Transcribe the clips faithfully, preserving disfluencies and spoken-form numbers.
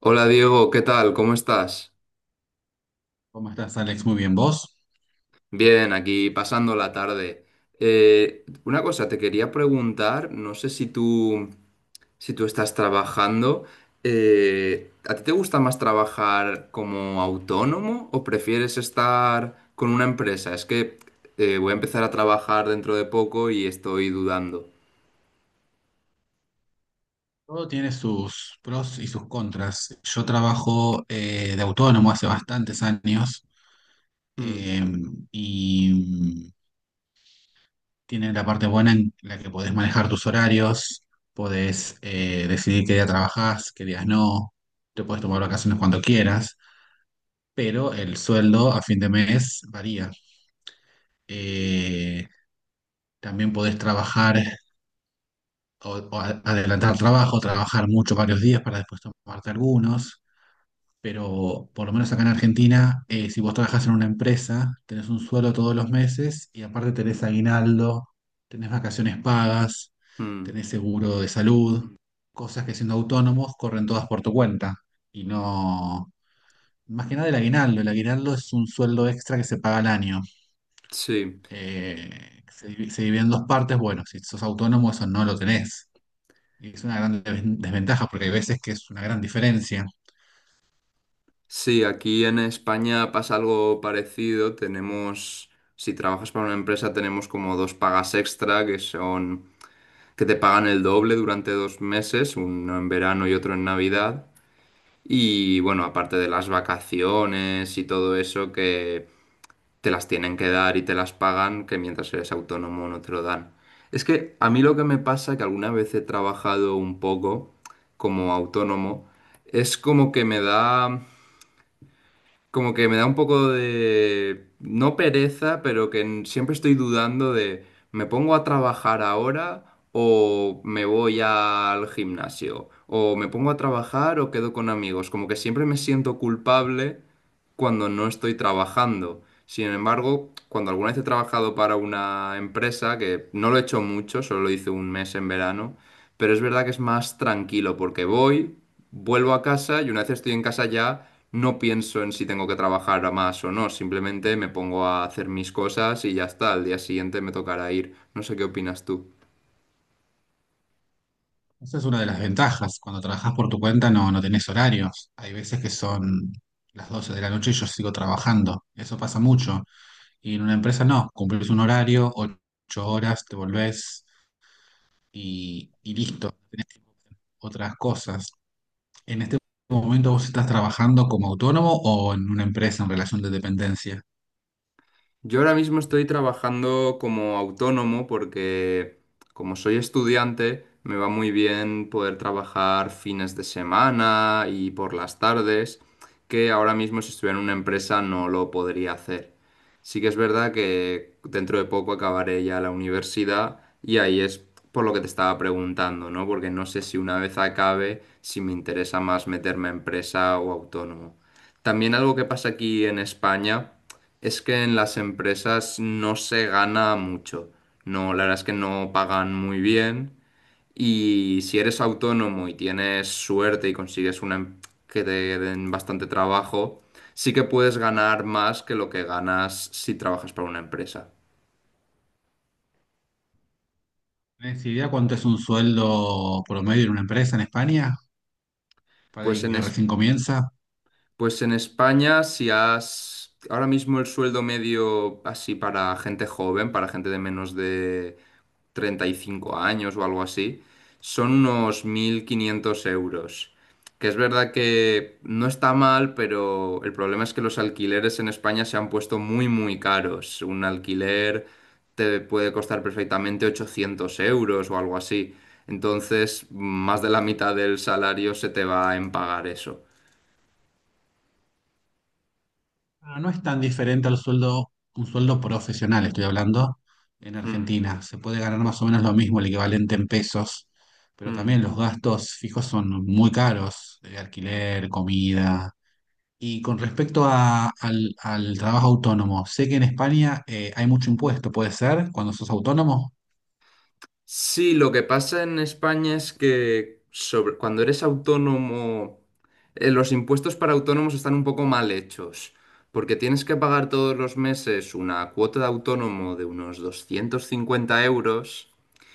Hola Diego, ¿qué tal? ¿Cómo estás? ¿Cómo estás, Alex? Muy bien, ¿vos? Bien, aquí pasando la tarde. Eh, una cosa, te quería preguntar, no sé si tú, si tú estás trabajando, eh, ¿a ti te gusta más trabajar como autónomo o prefieres estar con una empresa? Es que eh, voy a empezar a trabajar dentro de poco y estoy dudando. Todo tiene sus pros y sus contras. Yo trabajo eh, de autónomo hace bastantes años Mm. eh, y tiene la parte buena en la que podés manejar tus horarios, podés eh, decidir qué día trabajás, qué días no, te podés tomar vacaciones cuando quieras, pero el sueldo a fin de mes varía. Eh, también podés trabajar o, o a- adelantar trabajo, trabajar mucho varios días para después tomarte algunos. Pero por lo menos acá en Argentina, eh, si vos trabajás en una empresa, tenés un sueldo todos los meses y aparte tenés aguinaldo, tenés vacaciones pagas, Mm. tenés seguro de salud, cosas que siendo autónomos corren todas por tu cuenta. Y no, más que nada el aguinaldo, el aguinaldo es un sueldo extra que se paga al año. Sí. Eh, se, divi- se divide en dos partes, bueno, si sos autónomo eso no lo tenés. Y es una gran desven- desventaja porque hay veces que es una gran diferencia. Sí, aquí en España pasa algo parecido. Tenemos, si trabajas para una empresa, tenemos como dos pagas extra que son que te pagan el doble durante dos meses, uno en verano y otro en Navidad. Y bueno, aparte de las vacaciones y todo eso que te las tienen que dar y te las pagan, que mientras eres autónomo no te lo dan. Es que a mí lo que me pasa, que alguna vez he trabajado un poco como autónomo, es como que me da como que me da un poco de, no pereza, pero que en- siempre estoy dudando de, ¿me pongo a trabajar ahora o me voy al gimnasio? ¿O me pongo a trabajar o quedo con amigos? Como que siempre me siento culpable cuando no estoy trabajando. Sin embargo, cuando alguna vez he trabajado para una empresa, que no lo he hecho mucho, solo lo hice un mes en verano, pero es verdad que es más tranquilo porque voy, vuelvo a casa y una vez estoy en casa ya no pienso en si tengo que trabajar más o no, simplemente me pongo a hacer mis cosas y ya está, al día siguiente me tocará ir. No sé qué opinas tú. Esa es una de las ventajas. Cuando trabajas por tu cuenta no, no tenés horarios. Hay veces que son las doce de la noche y yo sigo trabajando. Eso pasa mucho. Y en una empresa no. Cumplís un horario, ocho horas, te volvés y, y listo. Tenés tiempo para hacer otras cosas. ¿En este momento vos estás trabajando como autónomo o en una empresa en relación de dependencia? Yo ahora mismo estoy trabajando como autónomo porque como soy estudiante me va muy bien poder trabajar fines de semana y por las tardes, que ahora mismo si estuviera en una empresa no lo podría hacer. Sí que es verdad que dentro de poco acabaré ya la universidad y ahí es por lo que te estaba preguntando, ¿no? Porque no sé si una vez acabe si me interesa más meterme a empresa o autónomo. También algo que pasa aquí en España. Es que en las empresas no se gana mucho. No, la verdad es que no pagan muy bien. Y si eres autónomo y tienes suerte y consigues una em- que te den bastante trabajo, sí que puedes ganar más que lo que ganas si trabajas para una empresa. ¿Tenés idea cuánto es un sueldo promedio en una empresa en España para Pues alguien en que Es- recién comienza? Pues en España, si has... Ahora mismo el sueldo medio así para gente joven, para gente de menos de treinta y cinco años o algo así, son unos mil quinientos euros. Que es verdad que no está mal, pero el problema es que los alquileres en España se han puesto muy, muy caros. Un alquiler te puede costar perfectamente ochocientos euros o algo así. Entonces, más de la mitad del salario se te va en pagar eso. Ah, no es tan diferente al sueldo, un sueldo profesional, estoy hablando, en Mm. Argentina. Se puede ganar más o menos lo mismo, el equivalente en pesos, pero Mm. también los gastos fijos son muy caros, eh, alquiler, comida. Y con respecto a- al, al trabajo autónomo, sé que en España eh, hay mucho impuesto, puede ser, cuando sos autónomo, Sí, lo que pasa en España es que sobre, cuando eres autónomo, eh, los impuestos para autónomos están un poco mal hechos, porque tienes que pagar todos los meses una cuota de autónomo de unos doscientos cincuenta euros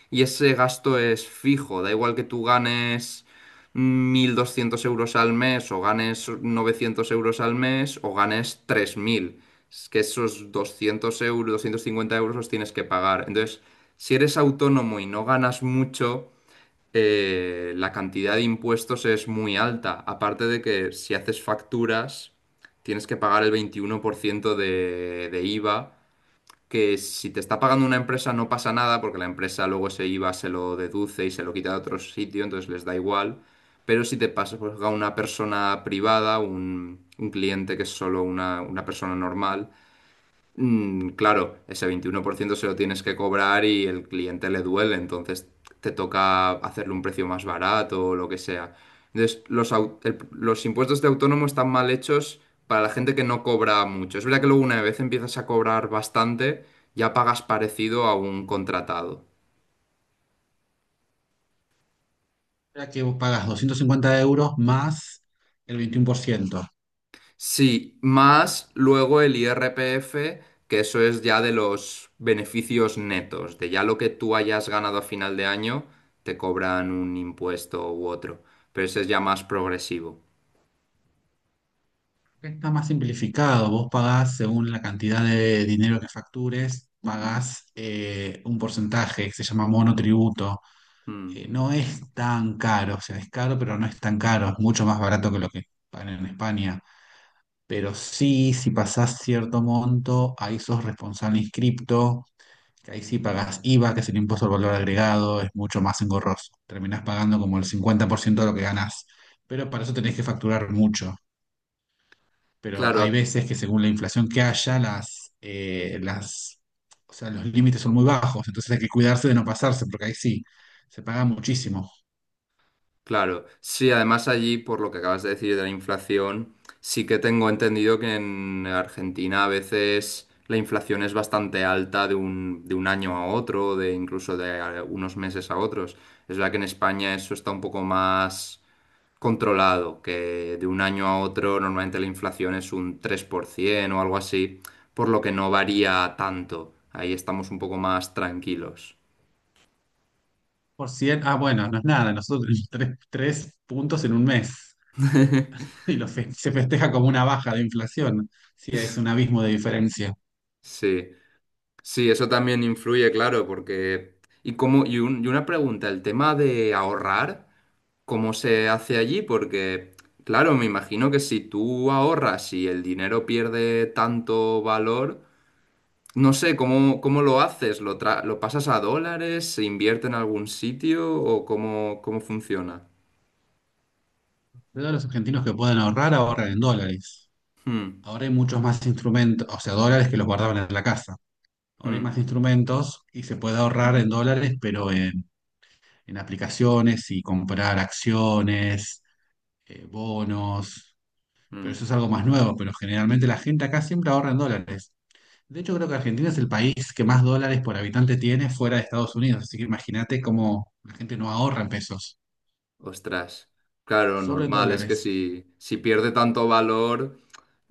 y ese gasto es fijo, da igual que tú ganes mil doscientos euros al mes o ganes novecientos euros al mes o ganes tres mil. Es que esos doscientos euros, doscientos cincuenta euros los tienes que pagar. Entonces... Si eres autónomo y no ganas mucho, eh, la cantidad de impuestos es muy alta. Aparte de que si haces facturas, tienes que pagar el veintiuno por ciento de, de iva, que si te está pagando una empresa no pasa nada, porque la empresa luego ese iva se lo deduce y se lo quita de otro sitio, entonces les da igual. Pero si te pasa pues, a una persona privada, un, un cliente que es solo una, una persona normal. Mm, claro, ese veintiuno por ciento se lo tienes que cobrar y el cliente le duele, entonces te toca hacerle un precio más barato o lo que sea. Entonces, los, au- el- los impuestos de autónomo están mal hechos para la gente que no cobra mucho. Es verdad que luego una vez empiezas a cobrar bastante, ya pagas parecido a un contratado. ya que vos pagas doscientos cincuenta euros más el veintiuno por ciento. Sí, más luego el I R P F, que eso es ya de los beneficios netos, de ya lo que tú hayas ganado a final de año, te cobran un impuesto u otro, pero ese es ya más progresivo. Está más simplificado. Vos pagás según la cantidad de dinero que factures, pagás eh, un porcentaje que se llama monotributo. Mm. Eh, no es tan caro, o sea, es caro, pero no es tan caro. Es mucho más barato que lo que pagan en España. Pero sí, si pasás cierto monto, ahí sos responsable inscripto, que ahí sí pagás IVA, que es el impuesto al valor agregado, es mucho más engorroso. Terminás pagando como el cincuenta por ciento de lo que ganás. Pero para eso tenés que facturar mucho, pero hay Claro. veces que según la inflación que haya, las, eh, las, o sea, los límites son muy bajos, entonces hay que cuidarse de no pasarse, porque ahí sí, se paga muchísimo. Claro, sí, además allí, por lo que acabas de decir de la inflación, sí que tengo entendido que en Argentina a veces la inflación es bastante alta de un, de un año a otro, de incluso de a- unos meses a otros. Es verdad que en España eso está un poco más controlado, que de un año a otro normalmente la inflación es un tres por ciento o algo así, por lo que no varía tanto. Ahí estamos un poco más tranquilos. Por cien, ah, bueno, no es nada, nosotros tres, tres puntos en un mes, y lo fe- se festeja como una baja de inflación, sí, es un abismo de diferencia. Sí. Sí, eso también influye, claro, porque... Y, cómo, y, un- y una pregunta, el tema de ahorrar, ¿cómo se hace allí? Porque, claro, me imagino que si tú ahorras y el dinero pierde tanto valor, no sé, ¿cómo, cómo lo haces? ¿Lo, tra- lo pasas a dólares? ¿Se invierte en algún sitio? ¿O cómo, cómo funciona? Todos los argentinos que pueden ahorrar, ahorran en dólares. Hmm. Ahora hay muchos más instrumentos, o sea, dólares que los guardaban en la casa. Ahora hay Hmm. más instrumentos y se puede ahorrar en dólares, pero en en aplicaciones y comprar acciones, eh, bonos, pero Hmm. eso es algo más nuevo, pero generalmente la gente acá siempre ahorra en dólares. De hecho, creo que Argentina es el país que más dólares por habitante tiene fuera de Estados Unidos, así que imagínate cómo la gente no ahorra en pesos, Ostras. Claro, solo en normal, es que dólares. si, si pierde tanto valor...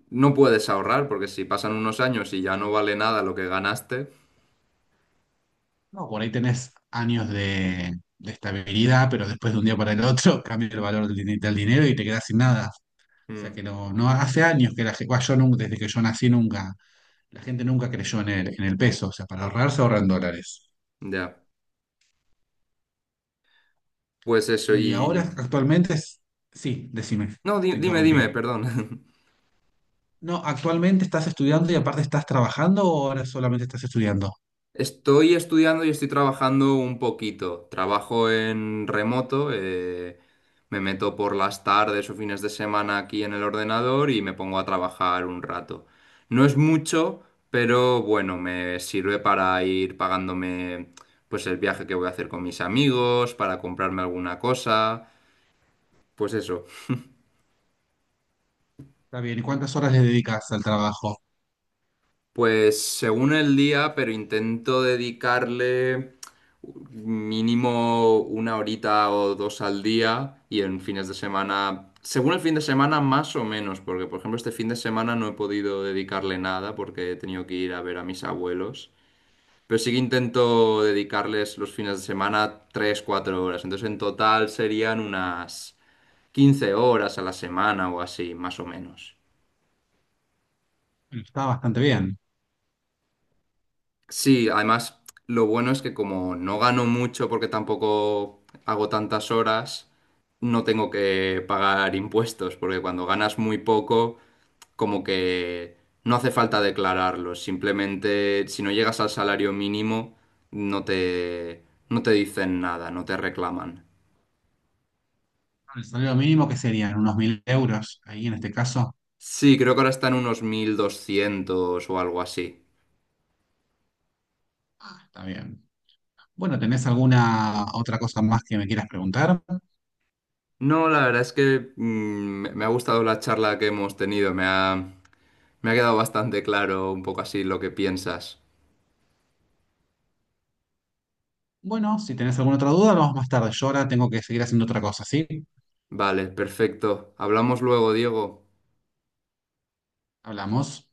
No puedes ahorrar porque si pasan unos años y ya no vale nada lo que ganaste. No, por ahí tenés años de, de estabilidad, pero después de un día para el otro cambia el valor del, din- del dinero y te quedas sin nada. O sea Mm. que no, no hace años que la gente, yo nunca, desde que yo nací nunca la gente nunca creyó en el, en el peso, o sea, para ahorrar se ahorran dólares. Ya, pues eso Y ahora y... actualmente es... Sí, decime, No, di- te dime, dime, interrumpí. perdón. No, actualmente, ¿estás estudiando y aparte estás trabajando o ahora solamente estás estudiando? Estoy estudiando y estoy trabajando un poquito. Trabajo en remoto, eh, me meto por las tardes o fines de semana aquí en el ordenador y me pongo a trabajar un rato. No es mucho, pero bueno, me sirve para ir pagándome pues el viaje que voy a hacer con mis amigos, para comprarme alguna cosa. Pues eso. Está bien, ¿y cuántas horas le dedicas al trabajo? Pues según el día, pero intento dedicarle mínimo una horita o dos al día y en fines de semana, según el fin de semana más o menos, porque por ejemplo este fin de semana no he podido dedicarle nada porque he tenido que ir a ver a mis abuelos, pero sí que intento dedicarles los fines de semana tres, cuatro horas, entonces en total serían unas quince horas a la semana o así, más o menos. Bueno, está bastante bien. Sí, además lo bueno es que como no gano mucho porque tampoco hago tantas horas, no tengo que pagar impuestos, porque cuando ganas muy poco, como que no hace falta declararlo, simplemente si no llegas al salario mínimo, no te, no te dicen nada, no te reclaman. El salario mínimo que serían unos mil euros, ahí en este caso, Sí, creo que ahora están unos mil doscientos o algo así. está bien. Bueno, ¿tenés alguna otra cosa más que me quieras preguntar? No, la verdad es que mm, me me ha gustado la charla que hemos tenido, me ha, me ha quedado bastante claro un poco así lo que piensas. Bueno, si tenés alguna otra duda, hablamos más tarde. Yo ahora tengo que seguir haciendo otra cosa, ¿sí? Vale, perfecto. Hablamos luego, Diego. Hablamos.